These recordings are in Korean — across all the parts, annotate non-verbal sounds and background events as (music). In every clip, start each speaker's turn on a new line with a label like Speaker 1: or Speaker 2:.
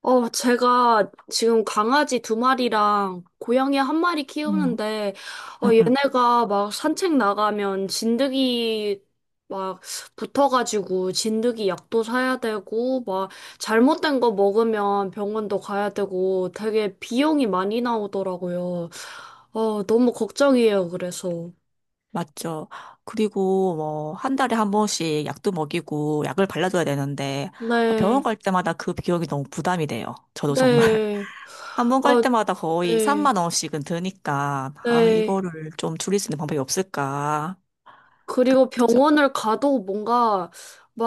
Speaker 1: 어, 제가 지금 강아지 두 마리랑 고양이 한 마리
Speaker 2: 음.
Speaker 1: 키우는데, 어,
Speaker 2: 음. 음.
Speaker 1: 얘네가 막 산책 나가면 진드기 막 붙어가지고 진드기 약도 사야 되고, 막 잘못된 거 먹으면 병원도 가야 되고, 되게 비용이 많이 나오더라고요. 어, 너무 걱정이에요, 그래서.
Speaker 2: 맞죠. 그리고 뭐, 한 달에 한 번씩 약도 먹이고 약을 발라줘야 되는데, 아, 병원
Speaker 1: 네,
Speaker 2: 갈 때마다 그 비용이 너무 부담이 돼요. 저도 정말.
Speaker 1: 네,
Speaker 2: (laughs) 한 번 갈
Speaker 1: 어,
Speaker 2: 때마다 거의
Speaker 1: 네,
Speaker 2: 3만 원씩은 드니까, 아,
Speaker 1: 네.
Speaker 2: 이거를 좀 줄일 수 있는 방법이 없을까. 그,
Speaker 1: 그리고
Speaker 2: 그쵸?
Speaker 1: 병원을 가도 뭔가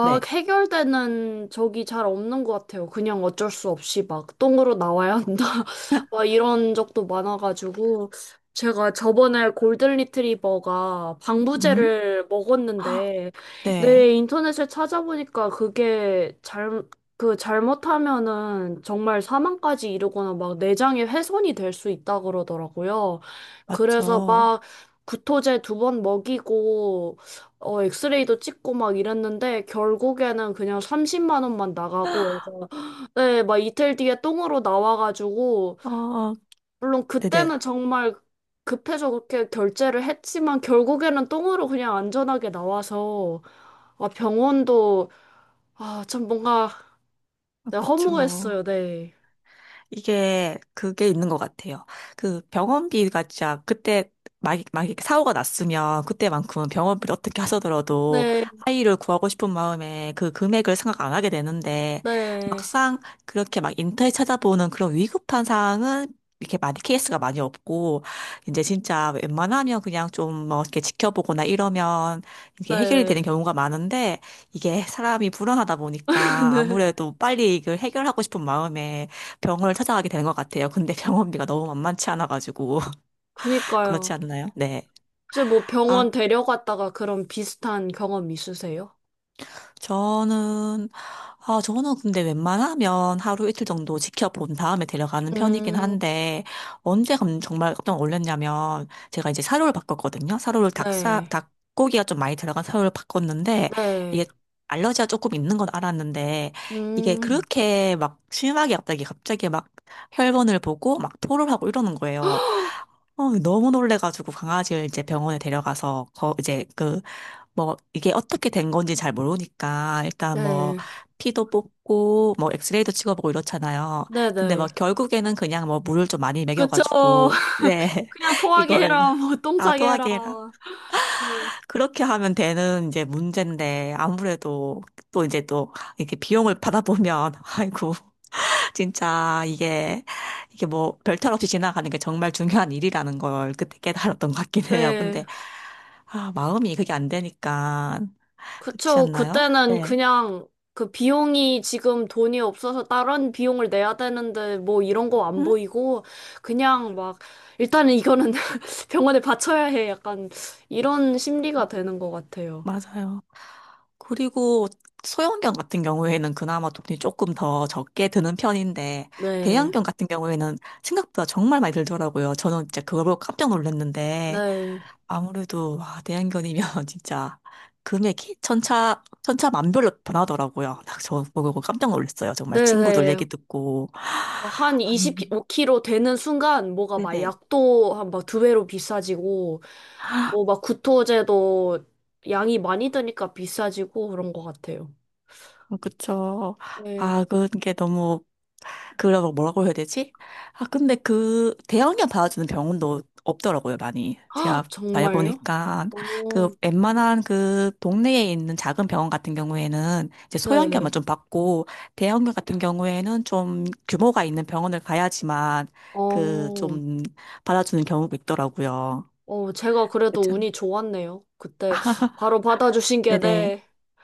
Speaker 2: 네.
Speaker 1: 해결되는 적이 잘 없는 것 같아요. 그냥 어쩔 수 없이 막 똥으로 나와야 한다. (laughs) 막 이런 적도 많아가지고. 제가 저번에 골든 리트리버가
Speaker 2: 음?
Speaker 1: 방부제를
Speaker 2: (gasps) 헉,
Speaker 1: 먹었는데,
Speaker 2: 네,
Speaker 1: 네, 인터넷에 찾아보니까 그게 잘, 그 잘못하면은 정말 사망까지 이르거나 막 내장에 훼손이 될 수 있다 그러더라고요. 그래서
Speaker 2: 맞죠.
Speaker 1: 막 구토제 두 번 먹이고, 어, 엑스레이도 찍고 막 이랬는데, 결국에는 그냥 30만 원만 나가고,
Speaker 2: (gasps)
Speaker 1: 해서, 네, 막 이틀 뒤에 똥으로 나와가지고,
Speaker 2: 어,
Speaker 1: 물론
Speaker 2: 네네.
Speaker 1: 그때는 정말 급해서 그렇게 결제를 했지만, 결국에는 똥으로 그냥 안전하게 나와서, 아, 병원도, 아, 참 뭔가, 네,
Speaker 2: 그렇죠.
Speaker 1: 허무했어요, 네.
Speaker 2: 이게 그게 있는 것 같아요. 그 병원비가 진짜 그때 막 이렇게 사고가 났으면 그때만큼은 병원비를 어떻게 하서더라도
Speaker 1: 네,
Speaker 2: 아이를 구하고 싶은 마음에 그 금액을 생각 안 하게 되는데,
Speaker 1: 네,
Speaker 2: 막상 그렇게 막 인터넷 찾아보는 그런 위급한 사항은 이렇게 많이 케이스가 많이 없고 이제 진짜 웬만하면 그냥 좀뭐 이렇게 지켜보거나 이러면 이게 해결이 되는
Speaker 1: 네.
Speaker 2: 경우가 많은데, 이게 사람이 불안하다
Speaker 1: (laughs)
Speaker 2: 보니까
Speaker 1: 네.
Speaker 2: 아무래도 빨리 이걸 해결하고 싶은 마음에 병원을 찾아가게 되는 것 같아요. 근데 병원비가 너무 만만치 않아가지고. (laughs) 그렇지
Speaker 1: 그니까요.
Speaker 2: 않나요? 네.
Speaker 1: 혹시 뭐
Speaker 2: 아,
Speaker 1: 병원 데려갔다가 그런 비슷한 경험 있으세요?
Speaker 2: 저는, 아, 저는 근데 웬만하면 하루 이틀 정도 지켜본 다음에 데려가는 편이긴
Speaker 1: 음,
Speaker 2: 한데, 정말 깜짝 놀랐냐면, 제가 이제 사료를 바꿨거든요. 사료를
Speaker 1: 네,
Speaker 2: 닭고기가 좀 많이 들어간 사료를 바꿨는데,
Speaker 1: 네,
Speaker 2: 이게 알러지가 조금 있는 건 알았는데, 이게
Speaker 1: 음,
Speaker 2: 그렇게 막 심하게 갑자기 막 혈변을 보고 막 토를 하고 이러는 거예요. 어, 너무 놀래가지고 강아지를 이제 병원에 데려가서 거 이제 그 뭐 이게 어떻게 된 건지 잘 모르니까 일단 뭐
Speaker 1: 네,
Speaker 2: 피도 뽑고 뭐 엑스레이도 찍어보고 이렇잖아요. 근데
Speaker 1: 네네.
Speaker 2: 막 결국에는 그냥 뭐 물을 좀 많이
Speaker 1: 그쵸.
Speaker 2: 먹여가지고
Speaker 1: (laughs)
Speaker 2: 네
Speaker 1: 그냥
Speaker 2: (laughs)
Speaker 1: 토하게
Speaker 2: 이걸
Speaker 1: 해라, 뭐, 똥 싸게 해라.
Speaker 2: 아도하게 해라
Speaker 1: 네.
Speaker 2: 그렇게 하면 되는 이제 문제인데, 아무래도 또 이제 또 이렇게 비용을 받아보면 (laughs) 아이고 진짜 이게 뭐 별탈 없이 지나가는 게 정말 중요한 일이라는 걸 그때 깨달았던 것 같긴 해요.
Speaker 1: 네,
Speaker 2: 근데 아 마음이 그게 안 되니까. 그렇지
Speaker 1: 그쵸.
Speaker 2: 않나요?
Speaker 1: 그때는
Speaker 2: 네.
Speaker 1: 그냥 그 비용이 지금 돈이 없어서 다른 비용을 내야 되는데 뭐 이런 거 안
Speaker 2: 응?
Speaker 1: 보이고 그냥 막 일단은 이거는 (laughs) 병원에 받쳐야 해. 약간 이런 심리가 되는 것 같아요.
Speaker 2: 맞아요. 그리고 소형견 같은 경우에는 그나마 돈이 조금 더 적게 드는 편인데,
Speaker 1: 네.
Speaker 2: 대형견 같은 경우에는 생각보다 정말 많이 들더라고요. 저는 진짜 그걸 보고 깜짝 놀랐는데,
Speaker 1: 네.
Speaker 2: 아무래도, 와, 대형견이면 (laughs) 진짜 금액이 천차만별로 변하더라고요. (laughs) 저 보고 깜짝 놀랐어요. 정말 친구들
Speaker 1: 네네.
Speaker 2: 얘기 듣고. (gasps) (sighs)
Speaker 1: 한
Speaker 2: 아니,
Speaker 1: 25kg 되는 순간 뭐가 막
Speaker 2: 네네.
Speaker 1: 약도 한 막 두 배로 비싸지고 뭐 막 구토제도 양이 많이 드니까 비싸지고 그런 것 같아요.
Speaker 2: 그쵸.
Speaker 1: 네.
Speaker 2: 아, 그게 너무 그래서 뭐라고 해야 되지? 아, 근데 그 대형견 받아주는 병원도 없더라고요, 많이.
Speaker 1: 아,
Speaker 2: 제가
Speaker 1: 정말요?
Speaker 2: 다녀보니까 그
Speaker 1: 오,
Speaker 2: 웬만한 그 동네에 있는 작은 병원 같은 경우에는 이제
Speaker 1: 네.
Speaker 2: 소형견만 좀 받고, 대형견 같은 경우에는 좀 규모가 있는 병원을 가야지만 그
Speaker 1: 어,
Speaker 2: 좀 받아주는 경우가 있더라고요.
Speaker 1: 어, 제가
Speaker 2: 그렇
Speaker 1: 그래도
Speaker 2: 죠
Speaker 1: 운이 좋았네요. 그때
Speaker 2: (laughs)
Speaker 1: 바로 받아주신 게,
Speaker 2: 네네.
Speaker 1: 네.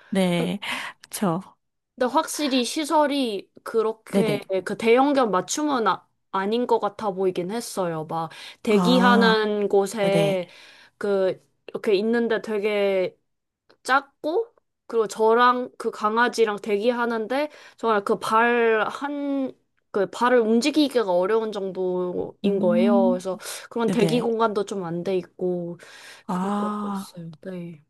Speaker 2: 네. 그렇죠.
Speaker 1: 근데 확실히 시설이
Speaker 2: 네네.
Speaker 1: 그렇게 그 대형견 맞춤은 아닌 것 같아 보이긴 했어요. 막
Speaker 2: 아,
Speaker 1: 대기하는
Speaker 2: 네네.
Speaker 1: 곳에 그 이렇게 있는데 되게 작고, 그리고 저랑 그 강아지랑 대기하는데 정말 그 발 한 그 발을 움직이기가 어려운 정도인 거예요.
Speaker 2: 음,
Speaker 1: 그래서 그런 대기
Speaker 2: 네네.
Speaker 1: 공간도 좀 안 돼 있고 그런 것
Speaker 2: 아.
Speaker 1: 같았어요. 네.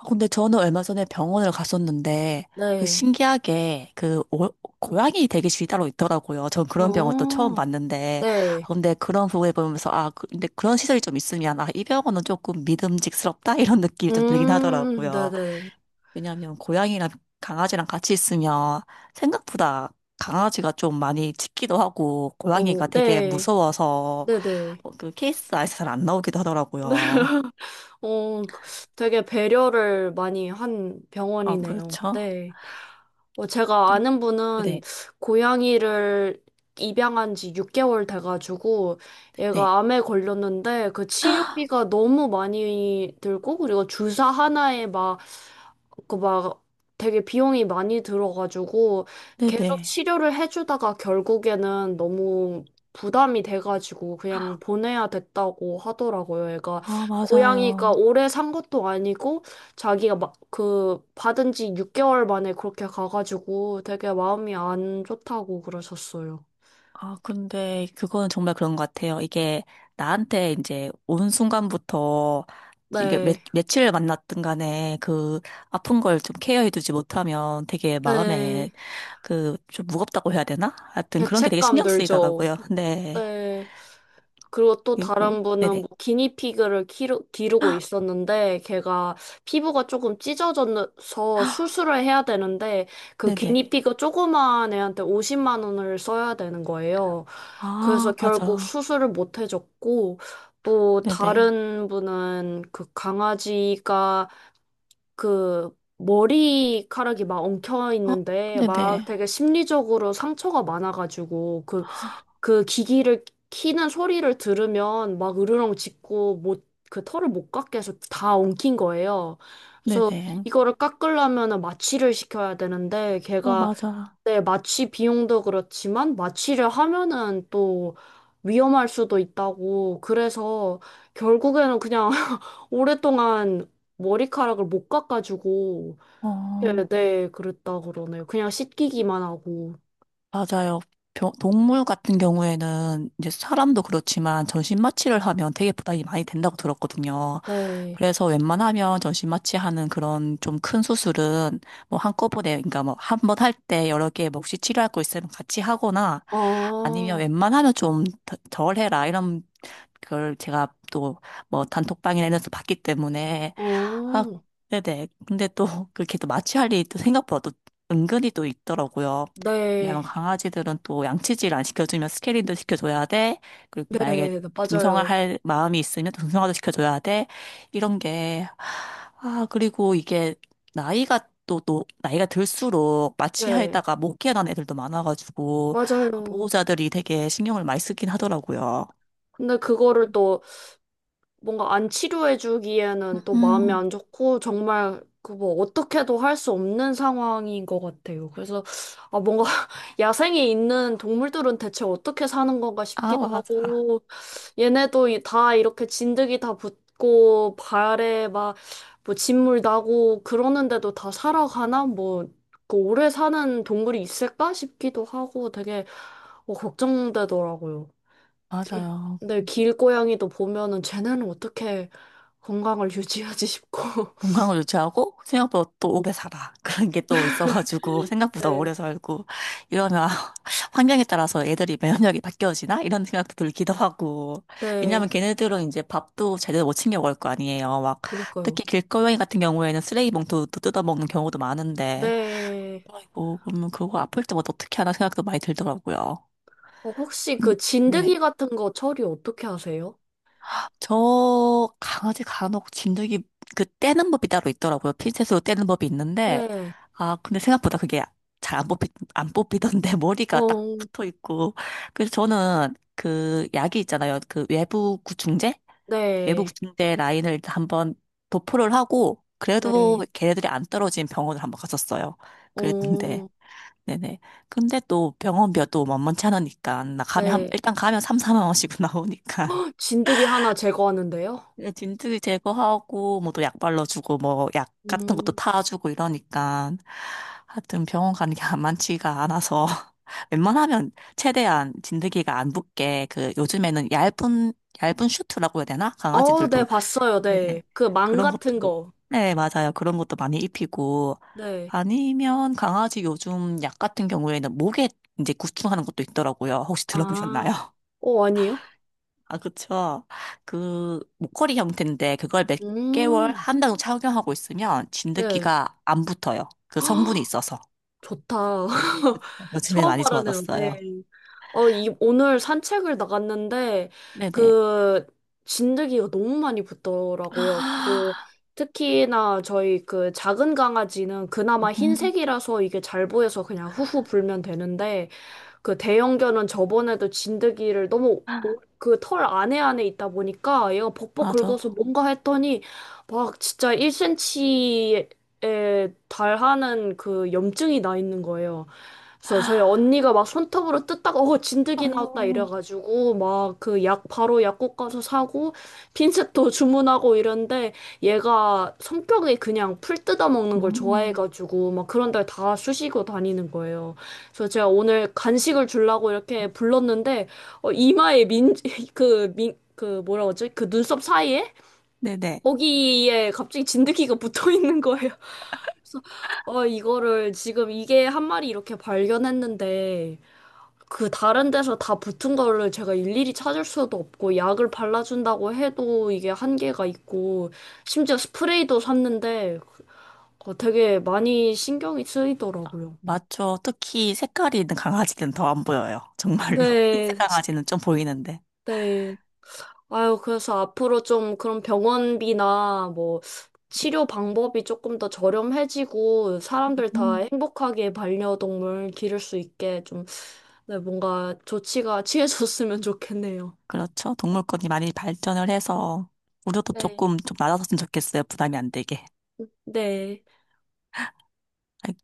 Speaker 2: 아, 근데 저는 얼마 전에 병원을 갔었는데, 그
Speaker 1: 네.
Speaker 2: 신기하게, 그, 고양이 대기실이 따로 있더라고요. 전 그런 병원 또 처음
Speaker 1: 어.
Speaker 2: 봤는데, 아,
Speaker 1: 네.
Speaker 2: 근데 그런 부분에 보면서, 아, 근데 그런 시설이 좀 있으면, 아, 이 병원은 조금 믿음직스럽다? (laughs) 이런 느낌이 좀 들긴 하더라고요.
Speaker 1: 네네네.
Speaker 2: 왜냐하면 고양이랑 강아지랑 같이 있으면 생각보다 강아지가 좀 많이 짖기도 하고,
Speaker 1: 어,
Speaker 2: 고양이가 되게
Speaker 1: 네.
Speaker 2: 무서워서,
Speaker 1: 네네.
Speaker 2: 어, 그 케이스 아예 잘 안 나오기도 하더라고요.
Speaker 1: (laughs) 어, 그 되게 배려를 많이 한
Speaker 2: 아,
Speaker 1: 병원이네요.
Speaker 2: 그렇죠.
Speaker 1: 네. 어, 제가
Speaker 2: 그-
Speaker 1: 아는 분은
Speaker 2: 네,
Speaker 1: 고양이를 입양한 지 6개월 돼가지고
Speaker 2: 네,
Speaker 1: 얘가 암에 걸렸는데 그 치료비가 너무 많이 들고, 그리고 주사 하나에 막 그 막 되게 비용이 많이 들어가지고 계속
Speaker 2: 네네.
Speaker 1: 치료를 해주다가 결국에는 너무 부담이 돼가지고 그냥 보내야 됐다고 하더라고요. 얘가
Speaker 2: 아,
Speaker 1: 고양이가
Speaker 2: 맞아요.
Speaker 1: 오래 산 것도 아니고 자기가 막 그 받은 지 6개월 만에 그렇게 가가지고 되게 마음이 안 좋다고 그러셨어요.
Speaker 2: 아, 근데 그거는 정말 그런 것 같아요. 이게 나한테 이제 온 순간부터 이게
Speaker 1: 네.
Speaker 2: 며칠 만났든 간에 그 아픈 걸 좀 케어해두지 못하면 되게
Speaker 1: 네.
Speaker 2: 마음에 그 좀 무겁다고 해야 되나? 하여튼 그런 게 되게
Speaker 1: 죄책감
Speaker 2: 신경
Speaker 1: 들죠.
Speaker 2: 쓰이더라고요. 네.
Speaker 1: 네. 그리고 또
Speaker 2: 그리고,
Speaker 1: 다른 분은
Speaker 2: 네네.
Speaker 1: 뭐 기니피그를 기르고 있었는데 걔가 피부가 조금 찢어져서
Speaker 2: (gasps)
Speaker 1: 수술을 해야 되는데, 그
Speaker 2: 네네.
Speaker 1: 기니피그 조그만 애한테 50만 원을 써야 되는 거예요. 그래서
Speaker 2: 아,
Speaker 1: 결국
Speaker 2: 맞아.
Speaker 1: 수술을 못 해줬고, 또
Speaker 2: 네네.
Speaker 1: 다른 분은 그 강아지가 그 머리카락이 막 엉켜
Speaker 2: 어,
Speaker 1: 있는데 막
Speaker 2: 네네.
Speaker 1: 되게 심리적으로 상처가 많아가지고 그 기기를 키는 소리를 들으면 막 으르렁 짖고 못, 그 털을 못 깎게 해서 다 엉킨 거예요. 그래서
Speaker 2: 네네.
Speaker 1: 이거를 깎으려면은 마취를 시켜야 되는데
Speaker 2: 어,
Speaker 1: 걔가,
Speaker 2: 맞아.
Speaker 1: 네, 마취 비용도 그렇지만 마취를 하면은 또 위험할 수도 있다고 그래서 결국에는 그냥 (laughs) 오랫동안 머리카락을 못 깎아주고, 네,
Speaker 2: 어.
Speaker 1: 네, 그랬다 그러네요. 그냥 씻기기만 하고.
Speaker 2: 맞아요. 동물 같은 경우에는 이제 사람도 그렇지만 전신마취를 하면 되게 부담이 많이 된다고 들었거든요.
Speaker 1: 네.
Speaker 2: 그래서 웬만하면 전신마취하는 그런 좀 큰 수술은 뭐 한꺼번에, 그러니까 뭐 한 번 할 때 여러 개 뭐 혹시 치료할 거 있으면 같이 하거나
Speaker 1: 아,
Speaker 2: 아니면 웬만하면 좀 덜 해라 이런 그걸 제가 또 뭐 단톡방이나 이런 데서 봤기 때문에 아
Speaker 1: 어.
Speaker 2: 네네 근데 또 그렇게 또 마취할 일이 또 생각보다 또 은근히 또 있더라고요.
Speaker 1: 네,
Speaker 2: 왜냐면 강아지들은 또 양치질 안 시켜주면 스케일링도 시켜줘야 돼. 그리고 만약에
Speaker 1: 네, 네,
Speaker 2: 등성화
Speaker 1: 맞아요.
Speaker 2: 할 마음이 있으면 등성화도 시켜줘야 돼. 이런 게, 아, 그리고 이게 나이가 나이가 들수록
Speaker 1: 네,
Speaker 2: 마취하에다가 못 깨어난 애들도 많아가지고,
Speaker 1: 맞아요.
Speaker 2: 보호자들이 되게 신경을 많이 쓰긴 하더라고요.
Speaker 1: 근데 그거를 또 뭔가 안 치료해주기에는 또 마음이
Speaker 2: 음,
Speaker 1: 안 좋고, 정말 그 뭐 어떻게도 할 수 없는 상황인 것 같아요. 그래서 아 뭔가 (laughs) 야생에 있는 동물들은 대체 어떻게 사는 건가
Speaker 2: 아,
Speaker 1: 싶기도
Speaker 2: 맞아.
Speaker 1: 하고, 얘네도 다 이렇게 진드기 다 붙고 발에 막 뭐 진물 나고 그러는데도 다 살아가나? 뭐 그 오래 사는 동물이 있을까 싶기도 하고, 되게 어, 걱정되더라고요. 길,
Speaker 2: 맞아요.
Speaker 1: 근데 길고양이도 보면은 쟤네는 어떻게 건강을 유지하지 싶고. (laughs)
Speaker 2: 건강을 유지하고 생각보다 또 오래 살아. (laughs) 그런 게 또 있어가지고 생각보다
Speaker 1: 네,
Speaker 2: 오래 살고 이러면 (laughs) 환경에 따라서 애들이 면역력이 바뀌어지나? 이런 생각도 들기도 하고.
Speaker 1: 네.
Speaker 2: 왜냐면 걔네들은 이제 밥도 제대로 못 챙겨 먹을 거 아니에요. 막
Speaker 1: 그니까요.
Speaker 2: 특히 길거리 같은 경우에는 쓰레기 봉투도 뜯어먹는 경우도 많은데.
Speaker 1: 네.
Speaker 2: 아이고, 그러면 그거 아플 때마다 어떻게 하나 생각도 많이 들더라고요.
Speaker 1: 어, 혹시
Speaker 2: 음,
Speaker 1: 그
Speaker 2: 네네.
Speaker 1: 진드기 같은 거 처리 어떻게 하세요?
Speaker 2: 저 강아지 간혹 진드기 그 떼는 법이 따로 있더라고요. 핀셋으로 떼는 법이 있는데
Speaker 1: 네.
Speaker 2: 아 근데 생각보다 그게 잘 안 뽑히 안 뽑히던데 (laughs) 머리가 딱
Speaker 1: 어,
Speaker 2: 붙어 있고, 그래서 저는 그 약이 있잖아요. 그 외부
Speaker 1: 네.
Speaker 2: 구충제 라인을 한번 도포를 하고
Speaker 1: 네.
Speaker 2: 그래도 걔네들이 안 떨어진 병원을 한번 갔었어요. 그랬는데
Speaker 1: 어.
Speaker 2: 네네. 근데 또 병원비가 또 만만치 않으니까 나 가면
Speaker 1: 네.
Speaker 2: 일단 가면 3, 4만 원씩 (laughs) 나오니까
Speaker 1: 진드기 하나 제거하는데요?
Speaker 2: 예, 진트기 제거하고 뭐 또 약 발라주고 뭐 약 같은 것도
Speaker 1: 음,
Speaker 2: 타주고 이러니까 하여튼 병원 가는 게 (laughs) 안 많지가 않아서 (laughs) 웬만하면 최대한 진드기가 안 붙게 그 요즘에는 얇은 슈트라고 해야 되나?
Speaker 1: 어, 네,
Speaker 2: 강아지들도
Speaker 1: 봤어요.
Speaker 2: 네네.
Speaker 1: 네. 그 망
Speaker 2: 그런
Speaker 1: 같은
Speaker 2: 것도
Speaker 1: 거.
Speaker 2: 네, 맞아요. 그런 것도 많이 입히고
Speaker 1: 네.
Speaker 2: 아니면 강아지 요즘 약 같은 경우에는 목에 이제 구충하는 것도 있더라고요. 혹시
Speaker 1: 아.
Speaker 2: 들어보셨나요?
Speaker 1: 어, 아니요?
Speaker 2: 아, 그쵸. 그, 목걸이 형태인데, 그걸 몇 개월,
Speaker 1: 음,
Speaker 2: 한 달 정도 착용하고 있으면
Speaker 1: 네.
Speaker 2: 진드기가 안 붙어요. 그 성분이 있어서.
Speaker 1: (gasps) 좋다. (laughs)
Speaker 2: 요즘에
Speaker 1: 처음
Speaker 2: 많이
Speaker 1: 알아네요. 네.
Speaker 2: 좋아졌어요.
Speaker 1: 어, 이, 오늘 산책을 나갔는데,
Speaker 2: 네네.
Speaker 1: 그, 진드기가 너무 많이 붙더라고요. 그,
Speaker 2: 아,
Speaker 1: 특히나 저희 그 작은 강아지는 그나마
Speaker 2: 음,
Speaker 1: 흰색이라서 이게 잘 보여서 그냥 후후 불면 되는데, 그 대형견은 저번에도 진드기를 너무 그 털 안에 있다 보니까 얘가 벅벅 긁어서
Speaker 2: 맞아.
Speaker 1: 뭔가 했더니 막 진짜 1cm에 달하는 그 염증이 나 있는 거예요. 그래서 저희 언니가 막 손톱으로 뜯다가 어 진드기 나왔다
Speaker 2: 아이고.
Speaker 1: 이래가지고 막 그 약 바로 약국 가서 사고 핀셋도 (laughs) 주문하고 이런데, 얘가 성격이 그냥 풀 뜯어 먹는 걸
Speaker 2: 음,
Speaker 1: 좋아해가지고 막 그런 데다 쑤시고 다니는 거예요. 그래서 제가 오늘 간식을 주려고 이렇게 불렀는데, 어, 이마에 민그민그 뭐라고 하지, (laughs) 그 뭐라 그러지? 그 눈썹 사이에
Speaker 2: 네네.
Speaker 1: 거기에 갑자기 진드기가 (laughs) 붙어 있는 거예요. 그래서 어 이거를 지금 이게 한 마리 이렇게 발견했는데 그 다른 데서 다 붙은 거를 제가 일일이 찾을 수도 없고 약을 발라준다고 해도 이게 한계가 있고, 심지어 스프레이도 샀는데 어, 되게 많이 신경이 쓰이더라고요.
Speaker 2: 맞죠. 특히 색깔이 있는 강아지는 더 안 보여요. 정말로. (laughs)
Speaker 1: 네,
Speaker 2: 흰색 강아지는 좀 보이는데.
Speaker 1: 네. 아유, 그래서 앞으로 좀 그런 병원비나 뭐 치료 방법이 조금 더 저렴해지고 사람들 다
Speaker 2: 음,
Speaker 1: 행복하게 반려동물 기를 수 있게 좀, 네, 뭔가 조치가 (laughs) 취해졌으면 좋겠네요.
Speaker 2: 그렇죠. 동물권이 많이 발전을 해서, 우리도
Speaker 1: 네.
Speaker 2: 조금 좀 낮아졌으면 좋겠어요. 부담이 안 되게.
Speaker 1: 네.